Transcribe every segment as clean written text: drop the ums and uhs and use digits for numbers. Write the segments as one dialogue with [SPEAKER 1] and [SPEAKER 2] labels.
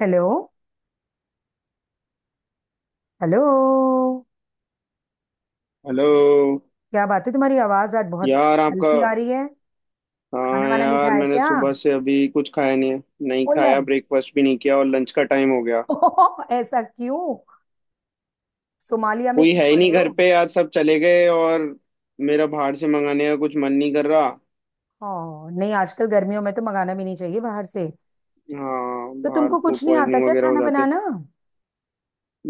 [SPEAKER 1] Hello. Hello.
[SPEAKER 2] Hello
[SPEAKER 1] क्या बात है तुम्हारी आवाज आज बहुत
[SPEAKER 2] यार। आपका।
[SPEAKER 1] हल्की आ रही है। खाना
[SPEAKER 2] हाँ
[SPEAKER 1] वाना नहीं
[SPEAKER 2] यार,
[SPEAKER 1] खाया
[SPEAKER 2] मैंने
[SPEAKER 1] क्या।
[SPEAKER 2] सुबह से अभी कुछ खाया नहीं है। नहीं
[SPEAKER 1] फुल है।
[SPEAKER 2] खाया, ब्रेकफास्ट भी नहीं किया और लंच का टाइम हो गया।
[SPEAKER 1] ऐसा क्यों। सोमालिया में
[SPEAKER 2] कोई
[SPEAKER 1] क्यों
[SPEAKER 2] है ही नहीं
[SPEAKER 1] पड़े हो।
[SPEAKER 2] घर पे, आज सब चले गए और मेरा बाहर से मंगाने का कुछ मन नहीं कर रहा।
[SPEAKER 1] हाँ नहीं, आजकल गर्मियों में तो मंगाना भी नहीं चाहिए बाहर से।
[SPEAKER 2] हाँ
[SPEAKER 1] तो
[SPEAKER 2] बाहर
[SPEAKER 1] तुमको
[SPEAKER 2] फूड
[SPEAKER 1] कुछ नहीं आता
[SPEAKER 2] पॉइजनिंग
[SPEAKER 1] क्या
[SPEAKER 2] वगैरह हो
[SPEAKER 1] खाना
[SPEAKER 2] जाते।
[SPEAKER 1] बनाना।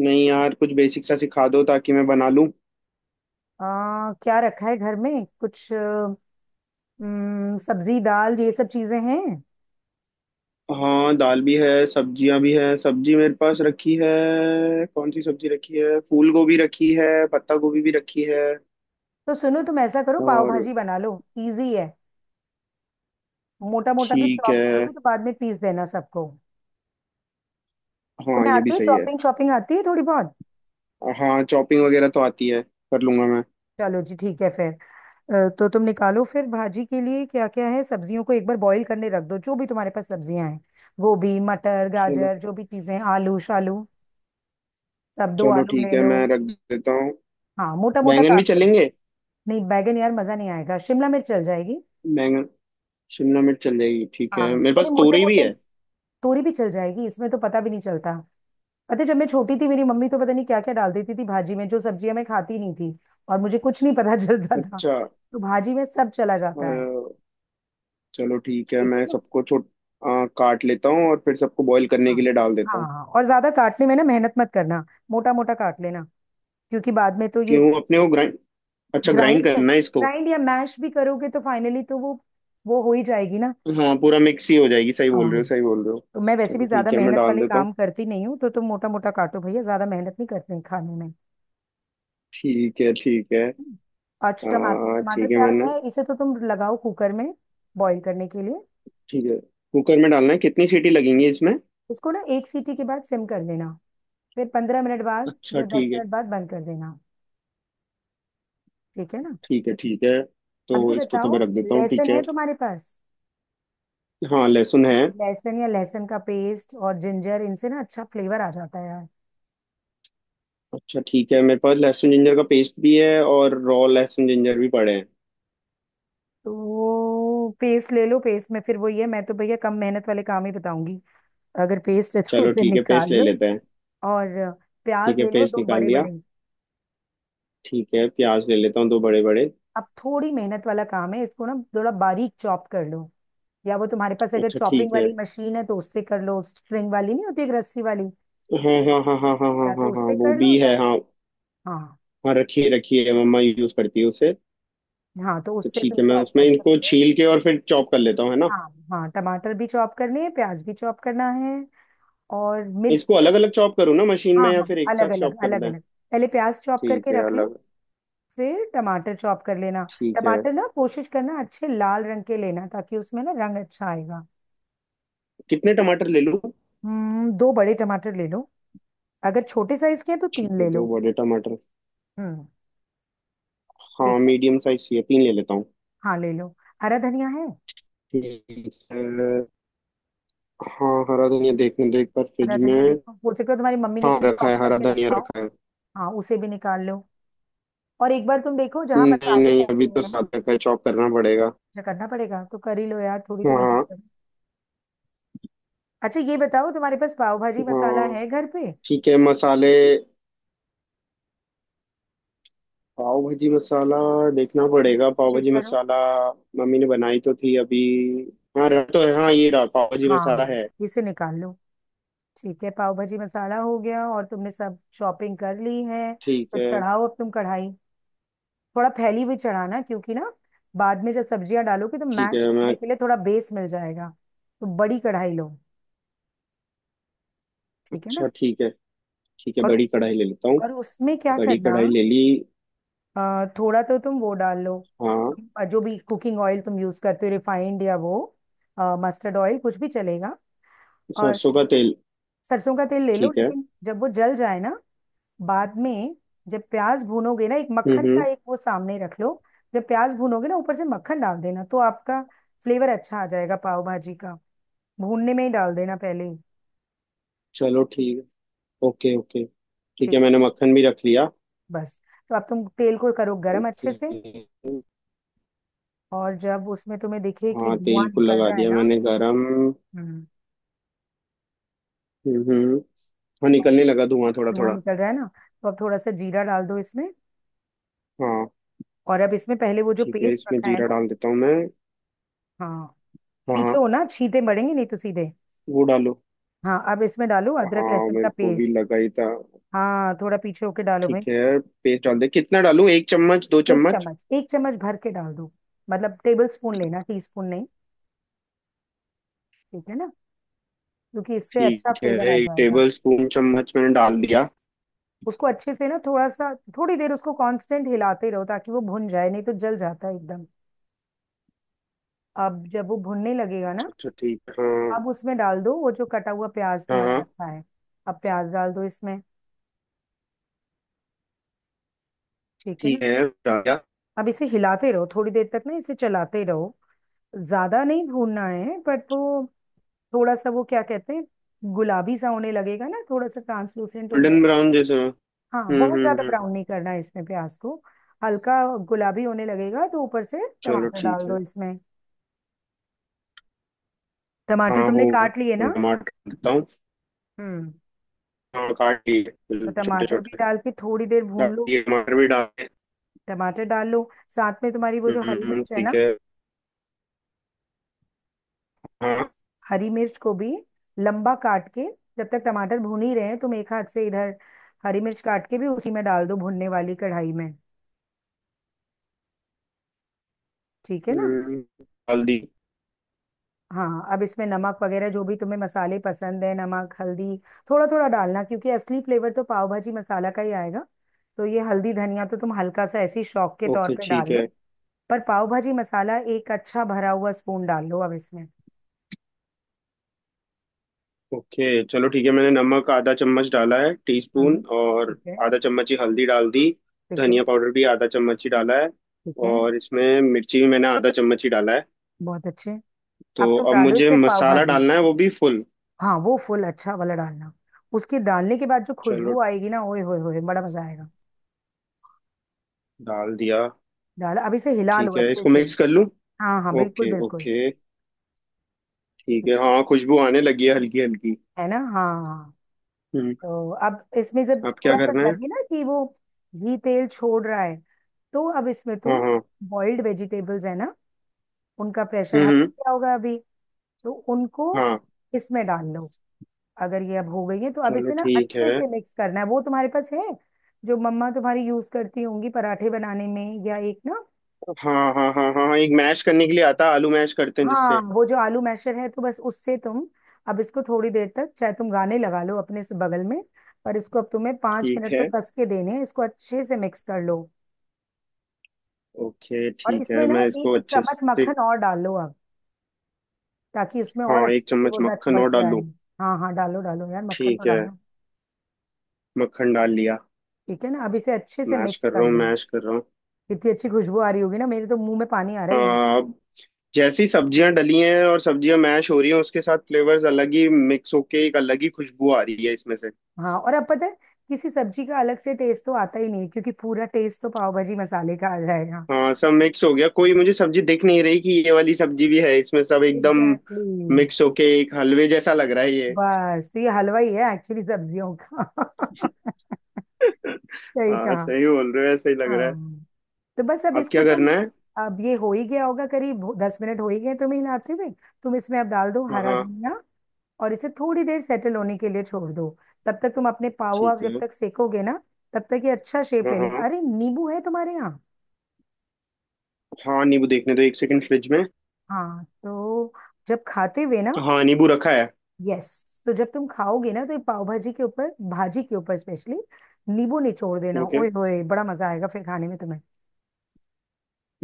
[SPEAKER 2] नहीं यार, कुछ बेसिक सा सिखा दो ताकि मैं बना लूँ।
[SPEAKER 1] क्या रखा है घर में कुछ? सब्जी दाल ये सब चीजें हैं।
[SPEAKER 2] हाँ दाल भी है, सब्जियां भी है, सब्जी मेरे पास रखी है। कौन सी सब्जी रखी है? फूल गोभी रखी है, पत्ता गोभी भी रखी है।
[SPEAKER 1] तो सुनो, तुम ऐसा करो, पाव
[SPEAKER 2] और।
[SPEAKER 1] भाजी बना लो। इजी है। मोटा मोटा भी
[SPEAKER 2] ठीक
[SPEAKER 1] चॉप
[SPEAKER 2] है,
[SPEAKER 1] करोगे तो बाद में पीस देना सबको।
[SPEAKER 2] हाँ
[SPEAKER 1] तुम्हें
[SPEAKER 2] ये भी
[SPEAKER 1] आती है
[SPEAKER 2] सही है।
[SPEAKER 1] चॉपिंग शॉपिंग, आती है थोड़ी बहुत।
[SPEAKER 2] हाँ चॉपिंग वगैरह तो आती है, कर लूंगा मैं।
[SPEAKER 1] चलो जी ठीक है फिर। तो तुम निकालो फिर भाजी के लिए क्या क्या है, सब्जियों को एक बार बॉईल करने रख दो, जो भी तुम्हारे पास सब्जियां हैं। गोभी मटर
[SPEAKER 2] चलो।
[SPEAKER 1] गाजर जो भी चीजें, आलू शालू सब, दो
[SPEAKER 2] चलो
[SPEAKER 1] आलू
[SPEAKER 2] ठीक
[SPEAKER 1] ले
[SPEAKER 2] है,
[SPEAKER 1] लो।
[SPEAKER 2] मैं रख देता हूँ।
[SPEAKER 1] हाँ मोटा मोटा
[SPEAKER 2] बैंगन भी
[SPEAKER 1] काट लो।
[SPEAKER 2] चलेंगे?
[SPEAKER 1] नहीं, बैगन यार मजा नहीं आएगा, शिमला मिर्च चल जाएगी।
[SPEAKER 2] बैंगन शिमला मिर्च चल जाएगी, ठीक
[SPEAKER 1] हाँ
[SPEAKER 2] है, मेरे
[SPEAKER 1] थोड़ी
[SPEAKER 2] पास
[SPEAKER 1] मोटे
[SPEAKER 2] तोरी भी
[SPEAKER 1] मोटे।
[SPEAKER 2] है।
[SPEAKER 1] तोरी भी चल जाएगी, इसमें तो पता भी नहीं चलता। पता है, जब मैं छोटी थी, मेरी मम्मी तो पता नहीं क्या क्या डाल देती थी भाजी में, जो सब्जियां मैं खाती नहीं थी, और मुझे कुछ नहीं पता चलता था।
[SPEAKER 2] अच्छा।
[SPEAKER 1] तो भाजी में सब चला
[SPEAKER 2] अ,
[SPEAKER 1] जाता है।
[SPEAKER 2] चलो ठीक है,
[SPEAKER 1] ठीक है
[SPEAKER 2] मैं
[SPEAKER 1] ना।
[SPEAKER 2] सबको काट लेता हूँ और फिर सबको बॉईल करने
[SPEAKER 1] हाँ
[SPEAKER 2] के लिए डाल
[SPEAKER 1] हाँ,
[SPEAKER 2] देता हूँ।
[SPEAKER 1] हाँ, और ज्यादा काटने में ना मेहनत मत करना। मोटा मोटा काट लेना। क्योंकि बाद में तो ये
[SPEAKER 2] क्यों अपने को ग्राइंड अच्छा, ग्राइंड
[SPEAKER 1] ग्राइंड कर
[SPEAKER 2] करना है इसको?
[SPEAKER 1] ग्राइंड या मैश भी करोगे तो फाइनली तो वो, हो ही जाएगी ना।
[SPEAKER 2] हाँ पूरा मिक्स ही हो जाएगी, सही बोल रहे हो,
[SPEAKER 1] हाँ,
[SPEAKER 2] सही बोल रहे हो।
[SPEAKER 1] तो मैं वैसे भी
[SPEAKER 2] चलो
[SPEAKER 1] ज्यादा
[SPEAKER 2] ठीक है, मैं
[SPEAKER 1] मेहनत
[SPEAKER 2] डाल
[SPEAKER 1] वाले
[SPEAKER 2] देता हूँ।
[SPEAKER 1] काम करती नहीं हूँ, तो तुम मोटा मोटा काटो भैया, ज्यादा मेहनत नहीं करते हैं खाने में।
[SPEAKER 2] ठीक है, ठीक है।
[SPEAKER 1] हम्म। और टमाटर, टमाटर
[SPEAKER 2] ठीक है,
[SPEAKER 1] प्याज
[SPEAKER 2] मैंने।
[SPEAKER 1] है इसे तो तुम लगाओ कुकर में बॉईल करने के लिए।
[SPEAKER 2] ठीक है। कुकर में डालना है, कितनी सीटी लगेंगी इसमें?
[SPEAKER 1] इसको ना एक सीटी के बाद सिम कर देना। फिर 15 मिनट बाद
[SPEAKER 2] अच्छा
[SPEAKER 1] या दस
[SPEAKER 2] ठीक है।
[SPEAKER 1] मिनट बाद बंद कर देना। ठीक है ना।
[SPEAKER 2] ठीक है, ठीक है।
[SPEAKER 1] अब ये
[SPEAKER 2] तो इसको तो मैं
[SPEAKER 1] बताओ,
[SPEAKER 2] रख देता हूँ, ठीक
[SPEAKER 1] लहसुन
[SPEAKER 2] है।
[SPEAKER 1] है तुम्हारे पास।
[SPEAKER 2] हाँ लहसुन है।
[SPEAKER 1] लहसुन या लहसुन का पेस्ट और जिंजर, इनसे ना अच्छा फ्लेवर आ जाता है यार।
[SPEAKER 2] अच्छा ठीक है, मेरे पास लहसुन जिंजर का पेस्ट भी है और रॉ लहसुन जिंजर भी पड़े हैं।
[SPEAKER 1] तो वो पेस्ट ले लो, पेस्ट में फिर वो ये, मैं तो भैया कम मेहनत वाले काम ही बताऊंगी। अगर पेस्ट है तो
[SPEAKER 2] चलो
[SPEAKER 1] उसे
[SPEAKER 2] ठीक है, पेस्ट
[SPEAKER 1] निकाल
[SPEAKER 2] ले
[SPEAKER 1] लो।
[SPEAKER 2] लेते हैं।
[SPEAKER 1] और
[SPEAKER 2] ठीक
[SPEAKER 1] प्याज
[SPEAKER 2] है,
[SPEAKER 1] ले लो
[SPEAKER 2] पेस्ट
[SPEAKER 1] दो
[SPEAKER 2] निकाल
[SPEAKER 1] बड़े
[SPEAKER 2] लिया।
[SPEAKER 1] बड़े।
[SPEAKER 2] ठीक है, प्याज ले लेता हूँ दो बड़े बड़े।
[SPEAKER 1] अब थोड़ी मेहनत वाला काम है, इसको ना थोड़ा बारीक चॉप कर लो। या वो, तुम्हारे पास अगर
[SPEAKER 2] अच्छा
[SPEAKER 1] चॉपिंग
[SPEAKER 2] ठीक है।
[SPEAKER 1] वाली मशीन है तो उससे कर लो, स्ट्रिंग वाली नहीं होती, एक रस्सी वाली।
[SPEAKER 2] हाँ हाँ हाँ हाँ हाँ हाँ
[SPEAKER 1] या तो
[SPEAKER 2] हाँ हाँ,
[SPEAKER 1] उससे
[SPEAKER 2] वो
[SPEAKER 1] कर लो
[SPEAKER 2] भी
[SPEAKER 1] या।
[SPEAKER 2] है हाँ।
[SPEAKER 1] हाँ।
[SPEAKER 2] हाँ रखिए रखिए, मम्मा यूज करती है उसे।
[SPEAKER 1] हाँ तो
[SPEAKER 2] तो
[SPEAKER 1] उससे तुम
[SPEAKER 2] ठीक है, मैं
[SPEAKER 1] चॉप
[SPEAKER 2] उसमें
[SPEAKER 1] कर
[SPEAKER 2] इनको
[SPEAKER 1] सकते हो।
[SPEAKER 2] छील के और फिर चॉप कर लेता हूँ, है ना?
[SPEAKER 1] हाँ, हाँ टमाटर भी चॉप करने हैं, प्याज भी चॉप करना है, और
[SPEAKER 2] इसको
[SPEAKER 1] मिर्ची तो।
[SPEAKER 2] अलग अलग चॉप करूँ ना मशीन में
[SPEAKER 1] हाँ
[SPEAKER 2] या
[SPEAKER 1] हाँ,
[SPEAKER 2] फिर एक
[SPEAKER 1] अलग
[SPEAKER 2] साथ
[SPEAKER 1] अलग,
[SPEAKER 2] चॉप कर
[SPEAKER 1] अलग
[SPEAKER 2] दें?
[SPEAKER 1] अलग। पहले प्याज चॉप
[SPEAKER 2] ठीक
[SPEAKER 1] करके
[SPEAKER 2] है,
[SPEAKER 1] रख लो।
[SPEAKER 2] अलग।
[SPEAKER 1] फिर टमाटर चॉप कर लेना।
[SPEAKER 2] ठीक है।
[SPEAKER 1] टमाटर ना कोशिश करना अच्छे लाल रंग के लेना, ताकि उसमें ना रंग अच्छा आएगा।
[SPEAKER 2] कितने टमाटर ले लूँ?
[SPEAKER 1] दो बड़े टमाटर ले लो। अगर छोटे साइज के हैं तो
[SPEAKER 2] ठीक
[SPEAKER 1] तीन
[SPEAKER 2] है,
[SPEAKER 1] ले
[SPEAKER 2] दो
[SPEAKER 1] लो।
[SPEAKER 2] बड़े टमाटर।
[SPEAKER 1] हम्म। ठीक
[SPEAKER 2] हाँ
[SPEAKER 1] है।
[SPEAKER 2] मीडियम साइज चाहिए, तीन ले लेता हूँ।
[SPEAKER 1] हाँ ले लो। हरा धनिया है।
[SPEAKER 2] ठीक है। हाँ हरा धनिया देखने देख पर
[SPEAKER 1] हरा
[SPEAKER 2] फ्रिज
[SPEAKER 1] धनिया
[SPEAKER 2] में।
[SPEAKER 1] देखो, हो सके तो तुम्हारी मम्मी ने
[SPEAKER 2] हाँ
[SPEAKER 1] कहीं
[SPEAKER 2] रखा
[SPEAKER 1] चॉप
[SPEAKER 2] है, हरा
[SPEAKER 1] करके
[SPEAKER 2] धनिया
[SPEAKER 1] रखा हो।
[SPEAKER 2] रखा है।
[SPEAKER 1] हाँ उसे भी निकाल लो। और एक बार तुम देखो जहाँ
[SPEAKER 2] नहीं
[SPEAKER 1] मसाले
[SPEAKER 2] नहीं,
[SPEAKER 1] रहते
[SPEAKER 2] अभी तो
[SPEAKER 1] हैं।
[SPEAKER 2] साथ रखा है, चॉप करना पड़ेगा।
[SPEAKER 1] जो करना पड़ेगा तो कर ही लो यार, थोड़ी तो मेहनत।
[SPEAKER 2] हाँ
[SPEAKER 1] अच्छा ये बताओ, तुम्हारे पास पाव भाजी मसाला
[SPEAKER 2] हाँ,
[SPEAKER 1] है घर पे।
[SPEAKER 2] ठीक है मसाले। पाव भाजी मसाला। देखना पड़ेगा पाव
[SPEAKER 1] चेक
[SPEAKER 2] भाजी
[SPEAKER 1] करो।
[SPEAKER 2] मसाला। मम्मी ने बनाई तो थी अभी। हाँ रहा तो है, हाँ ये रहा, पाव भाजी मसाला
[SPEAKER 1] हाँ
[SPEAKER 2] है।
[SPEAKER 1] इसे निकाल लो। ठीक है, पाव भाजी मसाला हो गया, और तुमने सब शॉपिंग कर ली है।
[SPEAKER 2] ठीक
[SPEAKER 1] तो
[SPEAKER 2] है।
[SPEAKER 1] चढ़ाओ अब तुम कढ़ाई। थोड़ा फैली हुई चढ़ाना, क्योंकि ना बाद में जब सब्जियां डालोगे तो
[SPEAKER 2] ठीक
[SPEAKER 1] मैश
[SPEAKER 2] है
[SPEAKER 1] करने
[SPEAKER 2] मैं।
[SPEAKER 1] के लिए थोड़ा बेस मिल जाएगा। तो बड़ी कढ़ाई लो। ठीक है ना।
[SPEAKER 2] अच्छा ठीक है। ठीक है,
[SPEAKER 1] और
[SPEAKER 2] बड़ी कढ़ाई ले लेता हूँ।
[SPEAKER 1] और उसमें क्या
[SPEAKER 2] बड़ी
[SPEAKER 1] करना।
[SPEAKER 2] कढ़ाई ले ली।
[SPEAKER 1] थोड़ा तो तुम वो डाल लो।
[SPEAKER 2] हाँ
[SPEAKER 1] जो भी कुकिंग ऑयल तुम यूज करते हो, रिफाइंड या वो मस्टर्ड ऑयल कुछ भी चलेगा। और
[SPEAKER 2] सरसों का तेल।
[SPEAKER 1] सरसों का तेल ले लो,
[SPEAKER 2] ठीक है।
[SPEAKER 1] लेकिन जब वो जल जाए ना, बाद में जब प्याज भूनोगे ना, एक मक्खन का
[SPEAKER 2] हम्म।
[SPEAKER 1] एक वो सामने रख लो। जब प्याज भूनोगे ना ऊपर से मक्खन डाल देना, तो आपका फ्लेवर अच्छा आ जाएगा पाव भाजी का। भूनने में ही डाल देना पहले ही।
[SPEAKER 2] चलो ठीक है। Okay okay. ठीक
[SPEAKER 1] ठीक
[SPEAKER 2] है,
[SPEAKER 1] है,
[SPEAKER 2] मैंने मक्खन भी रख लिया।
[SPEAKER 1] बस। तो अब तुम तेल को करो गरम
[SPEAKER 2] ओके।
[SPEAKER 1] अच्छे से। और जब उसमें तुम्हें दिखे कि
[SPEAKER 2] हाँ
[SPEAKER 1] धुआं
[SPEAKER 2] तेल को
[SPEAKER 1] निकल
[SPEAKER 2] लगा
[SPEAKER 1] रहा है
[SPEAKER 2] दिया
[SPEAKER 1] ना,
[SPEAKER 2] मैंने गरम।
[SPEAKER 1] हम्म
[SPEAKER 2] हम्म। हाँ
[SPEAKER 1] और
[SPEAKER 2] निकलने लगा धुआं, थोड़ा
[SPEAKER 1] धुआं
[SPEAKER 2] थोड़ा।
[SPEAKER 1] निकल रहा है ना, तो अब थोड़ा सा जीरा डाल दो इसमें।
[SPEAKER 2] हाँ।
[SPEAKER 1] और अब इसमें पहले वो जो
[SPEAKER 2] ठीक है,
[SPEAKER 1] पेस्ट
[SPEAKER 2] इसमें
[SPEAKER 1] रखा है
[SPEAKER 2] जीरा
[SPEAKER 1] ना।
[SPEAKER 2] डाल देता हूँ मैं।
[SPEAKER 1] हाँ,
[SPEAKER 2] हाँ
[SPEAKER 1] पीछे
[SPEAKER 2] हाँ।
[SPEAKER 1] हो ना छींटे मरेंगे, नहीं तो सीधे।
[SPEAKER 2] वो डालो।
[SPEAKER 1] हाँ अब इसमें डालो अदरक
[SPEAKER 2] हाँ
[SPEAKER 1] लहसुन का
[SPEAKER 2] मेरे को भी
[SPEAKER 1] पेस्ट।
[SPEAKER 2] लगा ही था।
[SPEAKER 1] हाँ थोड़ा पीछे होके डालो
[SPEAKER 2] ठीक
[SPEAKER 1] भाई।
[SPEAKER 2] है, पेस्ट डाल दे, कितना डालूं, एक चम्मच दो
[SPEAKER 1] एक
[SPEAKER 2] चम्मच?
[SPEAKER 1] चम्मच, एक चम्मच भर के डाल दो। मतलब टेबल स्पून लेना, टी स्पून नहीं। ठीक है ना। क्योंकि इससे अच्छा
[SPEAKER 2] ठीक है,
[SPEAKER 1] फ्लेवर आ
[SPEAKER 2] एक
[SPEAKER 1] जाएगा।
[SPEAKER 2] टेबल स्पून चम्मच मैंने डाल दिया।
[SPEAKER 1] उसको अच्छे से ना थोड़ा सा, थोड़ी देर उसको कांस्टेंट हिलाते रहो, ताकि वो भुन जाए, नहीं तो जल जाता है एकदम। अब जब वो भुनने लगेगा ना,
[SPEAKER 2] अच्छा अच्छा, ठीक है हाँ।
[SPEAKER 1] अब उसमें डाल दो वो जो कटा हुआ प्याज
[SPEAKER 2] हाँ
[SPEAKER 1] तुम्हारा
[SPEAKER 2] हाँ।
[SPEAKER 1] रखा है। अब प्याज डाल दो इसमें। ठीक है ना।
[SPEAKER 2] ठीक है, डाल दिया।
[SPEAKER 1] अब इसे हिलाते रहो थोड़ी देर तक ना, इसे चलाते रहो। ज्यादा नहीं भूनना है, बट वो थोड़ा सा वो क्या कहते हैं, गुलाबी सा होने लगेगा ना, थोड़ा सा ट्रांसलूसेंट हो जाए।
[SPEAKER 2] गोल्डन ब्राउन जैसे हो।
[SPEAKER 1] हाँ, बहुत ज्यादा
[SPEAKER 2] हम्म।
[SPEAKER 1] ब्राउन नहीं करना है इसमें प्याज को। हल्का गुलाबी होने लगेगा तो ऊपर से
[SPEAKER 2] चलो
[SPEAKER 1] टमाटर
[SPEAKER 2] ठीक
[SPEAKER 1] डाल
[SPEAKER 2] है।
[SPEAKER 1] दो इसमें। टमाटर
[SPEAKER 2] हाँ
[SPEAKER 1] तुमने
[SPEAKER 2] होगा,
[SPEAKER 1] काट लिए ना।
[SPEAKER 2] टमाटर डाल देता हूँ।
[SPEAKER 1] हम्म
[SPEAKER 2] हाँ काट लिए,
[SPEAKER 1] तो
[SPEAKER 2] छोटे
[SPEAKER 1] टमाटर भी
[SPEAKER 2] छोटे।
[SPEAKER 1] डाल के थोड़ी देर
[SPEAKER 2] डाल
[SPEAKER 1] भून लो।
[SPEAKER 2] दिए, टमाटर भी डाल दिए।
[SPEAKER 1] टमाटर डाल लो साथ में, तुम्हारी वो जो हरी मिर्च है ना,
[SPEAKER 2] ठीक है हाँ।
[SPEAKER 1] हरी मिर्च को भी लंबा काट के, जब तक टमाटर भून ही रहे हैं तुम एक हाथ से इधर हरी मिर्च काट के भी उसी में डाल दो, भुनने वाली कढ़ाई में। ठीक है ना।
[SPEAKER 2] डाल दी।
[SPEAKER 1] हाँ अब इसमें नमक वगैरह जो भी तुम्हें मसाले पसंद है, नमक हल्दी थोड़ा थोड़ा डालना, क्योंकि असली फ्लेवर तो पाव भाजी मसाला का ही आएगा। तो ये हल्दी धनिया तो तुम हल्का सा ऐसे ही शौक के तौर
[SPEAKER 2] ओके
[SPEAKER 1] पे डाल
[SPEAKER 2] ठीक है।
[SPEAKER 1] लो। पर पाव भाजी मसाला एक अच्छा भरा हुआ स्पून डाल लो अब इसमें।
[SPEAKER 2] ओके चलो ठीक है, मैंने नमक आधा चम्मच डाला है, टीस्पून,
[SPEAKER 1] हम्म।
[SPEAKER 2] और
[SPEAKER 1] ठीक है।
[SPEAKER 2] आधा चम्मच ही हल्दी डाल दी।
[SPEAKER 1] ठीक है।
[SPEAKER 2] धनिया पाउडर भी आधा चम्मच ही डाला है।
[SPEAKER 1] ठीक है।
[SPEAKER 2] और इसमें मिर्ची भी मैंने आधा चम्मच ही डाला है।
[SPEAKER 1] बहुत अच्छे।
[SPEAKER 2] तो
[SPEAKER 1] अब तुम
[SPEAKER 2] अब
[SPEAKER 1] डालो
[SPEAKER 2] मुझे
[SPEAKER 1] इसमें पाव
[SPEAKER 2] मसाला
[SPEAKER 1] भाजी,
[SPEAKER 2] डालना है, वो भी फुल।
[SPEAKER 1] हाँ, वो फुल अच्छा वाला डालना। उसके डालने के बाद जो
[SPEAKER 2] चलो
[SPEAKER 1] खुशबू आएगी ना, ओए होए होए, बड़ा मजा आएगा।
[SPEAKER 2] डाल दिया।
[SPEAKER 1] डाल। अब इसे हिला लो
[SPEAKER 2] ठीक है,
[SPEAKER 1] अच्छे
[SPEAKER 2] इसको
[SPEAKER 1] से।
[SPEAKER 2] मिक्स कर लूँ।
[SPEAKER 1] हाँ हाँ बिल्कुल
[SPEAKER 2] ओके
[SPEAKER 1] बिल्कुल।
[SPEAKER 2] ओके। ठीक है, हाँ खुशबू आने लगी है, हल्की हल्की।
[SPEAKER 1] है ना। हाँ
[SPEAKER 2] हम्म।
[SPEAKER 1] तो अब इसमें जब
[SPEAKER 2] अब क्या
[SPEAKER 1] थोड़ा सा
[SPEAKER 2] करना है?
[SPEAKER 1] लगे ना कि वो घी तेल छोड़ रहा है, तो अब इसमें
[SPEAKER 2] हाँ
[SPEAKER 1] तुम,
[SPEAKER 2] हाँ।
[SPEAKER 1] बॉइल्ड वेजिटेबल्स है ना, उनका प्रेशर हट
[SPEAKER 2] हम्म।
[SPEAKER 1] गया होगा अभी, तो उनको
[SPEAKER 2] हाँ।
[SPEAKER 1] इसमें डाल लो। अगर ये अब हो गई है, तो अब
[SPEAKER 2] चलो
[SPEAKER 1] इसे ना
[SPEAKER 2] ठीक
[SPEAKER 1] अच्छे
[SPEAKER 2] है।
[SPEAKER 1] से मिक्स करना है, वो तुम्हारे पास है जो मम्मा तुम्हारी यूज करती होंगी पराठे बनाने में, या एक ना,
[SPEAKER 2] हाँ हाँ हाँ हाँ हाँ, एक मैश करने के लिए आता है, आलू मैश करते हैं
[SPEAKER 1] हाँ
[SPEAKER 2] जिससे।
[SPEAKER 1] वो जो आलू मैशर है, तो बस उससे तुम, अब इसको थोड़ी देर तक, चाहे तुम गाने लगा लो अपने से बगल में, पर इसको अब तुम्हें पांच
[SPEAKER 2] ठीक
[SPEAKER 1] मिनट तो
[SPEAKER 2] है।
[SPEAKER 1] कस के देने हैं, इसको अच्छे से मिक्स कर लो।
[SPEAKER 2] ओके
[SPEAKER 1] और
[SPEAKER 2] ठीक है,
[SPEAKER 1] इसमें ना
[SPEAKER 2] मैं
[SPEAKER 1] एक
[SPEAKER 2] इसको अच्छे
[SPEAKER 1] चम्मच
[SPEAKER 2] से।
[SPEAKER 1] मक्खन और डालो अब, ताकि उसमें और
[SPEAKER 2] हाँ एक
[SPEAKER 1] अच्छे से
[SPEAKER 2] चम्मच
[SPEAKER 1] वो रच
[SPEAKER 2] मक्खन और
[SPEAKER 1] बस
[SPEAKER 2] डाल
[SPEAKER 1] जाए।
[SPEAKER 2] लूँ।
[SPEAKER 1] हाँ हाँ डालो डालो यार, मक्खन तो
[SPEAKER 2] ठीक है,
[SPEAKER 1] डालो।
[SPEAKER 2] मक्खन डाल लिया।
[SPEAKER 1] ठीक है ना। अब इसे अच्छे से
[SPEAKER 2] मैश
[SPEAKER 1] मिक्स
[SPEAKER 2] कर
[SPEAKER 1] कर
[SPEAKER 2] रहा हूँ,
[SPEAKER 1] लो।
[SPEAKER 2] मैश कर रहा हूँ।
[SPEAKER 1] इतनी अच्छी खुशबू आ रही होगी ना, मेरे तो मुंह में पानी आ रहा है।
[SPEAKER 2] हाँ, अब जैसी सब्जियां डली हैं और सब्जियां मैश हो रही हैं, उसके साथ फ्लेवर्स अलग ही मिक्स होके एक अलग ही खुशबू आ रही है इसमें से।
[SPEAKER 1] हाँ। और अब पता है, किसी सब्जी का अलग से टेस्ट तो आता ही नहीं, क्योंकि पूरा टेस्ट तो पाव भाजी मसाले का आ जाएगा।
[SPEAKER 2] हाँ सब मिक्स हो गया, कोई मुझे सब्जी दिख नहीं रही कि ये वाली सब्जी भी है, इसमें सब एकदम
[SPEAKER 1] एग्जैक्टली।
[SPEAKER 2] मिक्स होके एक हलवे जैसा लग रहा है ये।
[SPEAKER 1] बस तो ये हलवा ही है एक्चुअली सब्जियों का सही
[SPEAKER 2] हाँ
[SPEAKER 1] कहा।
[SPEAKER 2] सही बोल रहे हो, ऐसा ही लग रहा है।
[SPEAKER 1] हाँ, तो बस अब
[SPEAKER 2] अब
[SPEAKER 1] इसको
[SPEAKER 2] क्या
[SPEAKER 1] तुम,
[SPEAKER 2] करना है?
[SPEAKER 1] अब ये हो ही गया होगा, करीब 10 मिनट हो ही गए तुम्हें हिलाते हुए। तुम इसमें अब डाल दो
[SPEAKER 2] हाँ
[SPEAKER 1] हरा
[SPEAKER 2] हाँ
[SPEAKER 1] धनिया, और इसे थोड़ी देर सेटल होने के लिए छोड़ दो। तब तक तुम अपने पाव, आप
[SPEAKER 2] ठीक
[SPEAKER 1] जब
[SPEAKER 2] है।
[SPEAKER 1] तक सेकोगे ना, तब तक ये अच्छा शेप
[SPEAKER 2] हाँ
[SPEAKER 1] ले लेगा।
[SPEAKER 2] हाँ।
[SPEAKER 1] अरे नींबू है तुम्हारे यहाँ।
[SPEAKER 2] हाँ नींबू देखने दो, एक सेकंड, फ्रिज में।
[SPEAKER 1] हाँ तो जब खाते हुए ना,
[SPEAKER 2] तो हाँ, नींबू रखा है।
[SPEAKER 1] यस, तो जब तुम खाओगे ना, तो ये पाव भाजी के ऊपर, भाजी के ऊपर स्पेशली नींबू निचोड़ देना,
[SPEAKER 2] ओके।
[SPEAKER 1] ओए होए, बड़ा मजा आएगा फिर खाने में तुम्हें।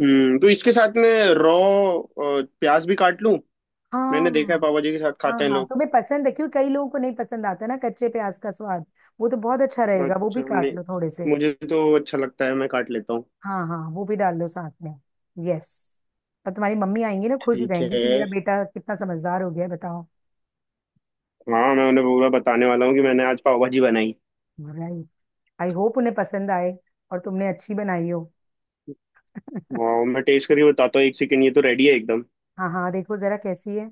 [SPEAKER 2] हम्म, तो इसके साथ में रॉ प्याज भी काट लूं। मैंने देखा है,
[SPEAKER 1] हाँ
[SPEAKER 2] पापा जी के साथ
[SPEAKER 1] हाँ।
[SPEAKER 2] खाते हैं
[SPEAKER 1] हाँ
[SPEAKER 2] लोग।
[SPEAKER 1] तुम्हें पसंद है क्यों? कई लोगों को नहीं पसंद आता ना कच्चे प्याज का स्वाद। वो तो बहुत अच्छा रहेगा, वो
[SPEAKER 2] अच्छा
[SPEAKER 1] भी काट
[SPEAKER 2] नहीं,
[SPEAKER 1] लो थोड़े से।
[SPEAKER 2] मुझे तो अच्छा लगता है, मैं काट लेता हूँ।
[SPEAKER 1] हाँ हाँ वो भी डाल लो साथ में। यस। और तुम्हारी मम्मी आएंगी ना, खुश
[SPEAKER 2] ठीक
[SPEAKER 1] रहेंगी
[SPEAKER 2] है।
[SPEAKER 1] कि मेरा बेटा कितना समझदार हो गया है बताओ।
[SPEAKER 2] हाँ मैं उन्हें पूरा बताने वाला हूँ कि मैंने आज पाव भाजी बनाई।
[SPEAKER 1] राइट। आई होप उन्हें पसंद आए, और तुमने अच्छी बनाई हो।
[SPEAKER 2] वाह, मैं टेस्ट करके बताता हूँ, एक सेकंड, ये तो रेडी है एकदम।
[SPEAKER 1] हाँ हाँ, देखो जरा कैसी है।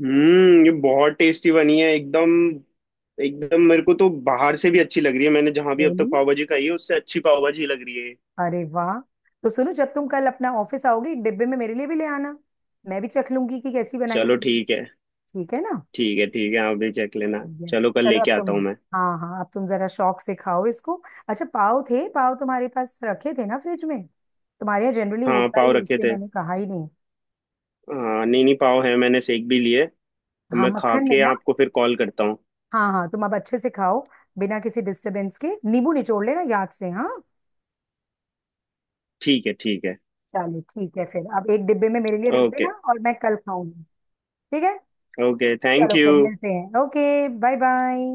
[SPEAKER 2] हम्म, ये बहुत टेस्टी बनी है एकदम। एकदम, मेरे को तो बाहर से भी अच्छी लग रही है, मैंने जहां भी अब तक
[SPEAKER 1] रियली।
[SPEAKER 2] पाव भाजी खाई है उससे अच्छी पाव भाजी लग रही है।
[SPEAKER 1] अरे वाह। तो सुनो, जब तुम कल अपना ऑफिस आओगी, एक डिब्बे में मेरे लिए भी ले आना, मैं भी चख लूंगी कि कैसी बनाई है
[SPEAKER 2] चलो
[SPEAKER 1] तुमने।
[SPEAKER 2] ठीक है।
[SPEAKER 1] ठीक है ना।
[SPEAKER 2] ठीक है ठीक है, आप भी चख लेना,
[SPEAKER 1] आइए।
[SPEAKER 2] चलो कल
[SPEAKER 1] चलो अब
[SPEAKER 2] लेके
[SPEAKER 1] तुम,
[SPEAKER 2] आता हूँ मैं।
[SPEAKER 1] हाँ हाँ अब तुम जरा शौक से खाओ इसको। अच्छा, पाव थे? पाव तुम्हारे पास रखे थे ना फ्रिज में? तुम्हारे यहाँ जनरली
[SPEAKER 2] हाँ
[SPEAKER 1] होता
[SPEAKER 2] पाव
[SPEAKER 1] ही है
[SPEAKER 2] रखे
[SPEAKER 1] इसलिए
[SPEAKER 2] थे।
[SPEAKER 1] मैंने कहा ही नहीं।
[SPEAKER 2] हाँ नहीं नहीं, पाव है, मैंने सेक भी लिए। अब
[SPEAKER 1] हाँ,
[SPEAKER 2] मैं खा
[SPEAKER 1] मक्खन में
[SPEAKER 2] के
[SPEAKER 1] ना।
[SPEAKER 2] आपको फिर कॉल करता हूँ।
[SPEAKER 1] हाँ हाँ तुम अब अच्छे से खाओ, बिना किसी डिस्टरबेंस के। नींबू निचोड़ लेना याद से, हाँ।
[SPEAKER 2] ठीक है, ठीक है।
[SPEAKER 1] चलो ठीक है फिर, अब एक डिब्बे में मेरे लिए रख
[SPEAKER 2] ओके
[SPEAKER 1] देना और मैं कल खाऊंगी। ठीक है।
[SPEAKER 2] ओके, थैंक
[SPEAKER 1] चलो
[SPEAKER 2] यू।
[SPEAKER 1] फिर मिलते हैं, ओके। Bye bye.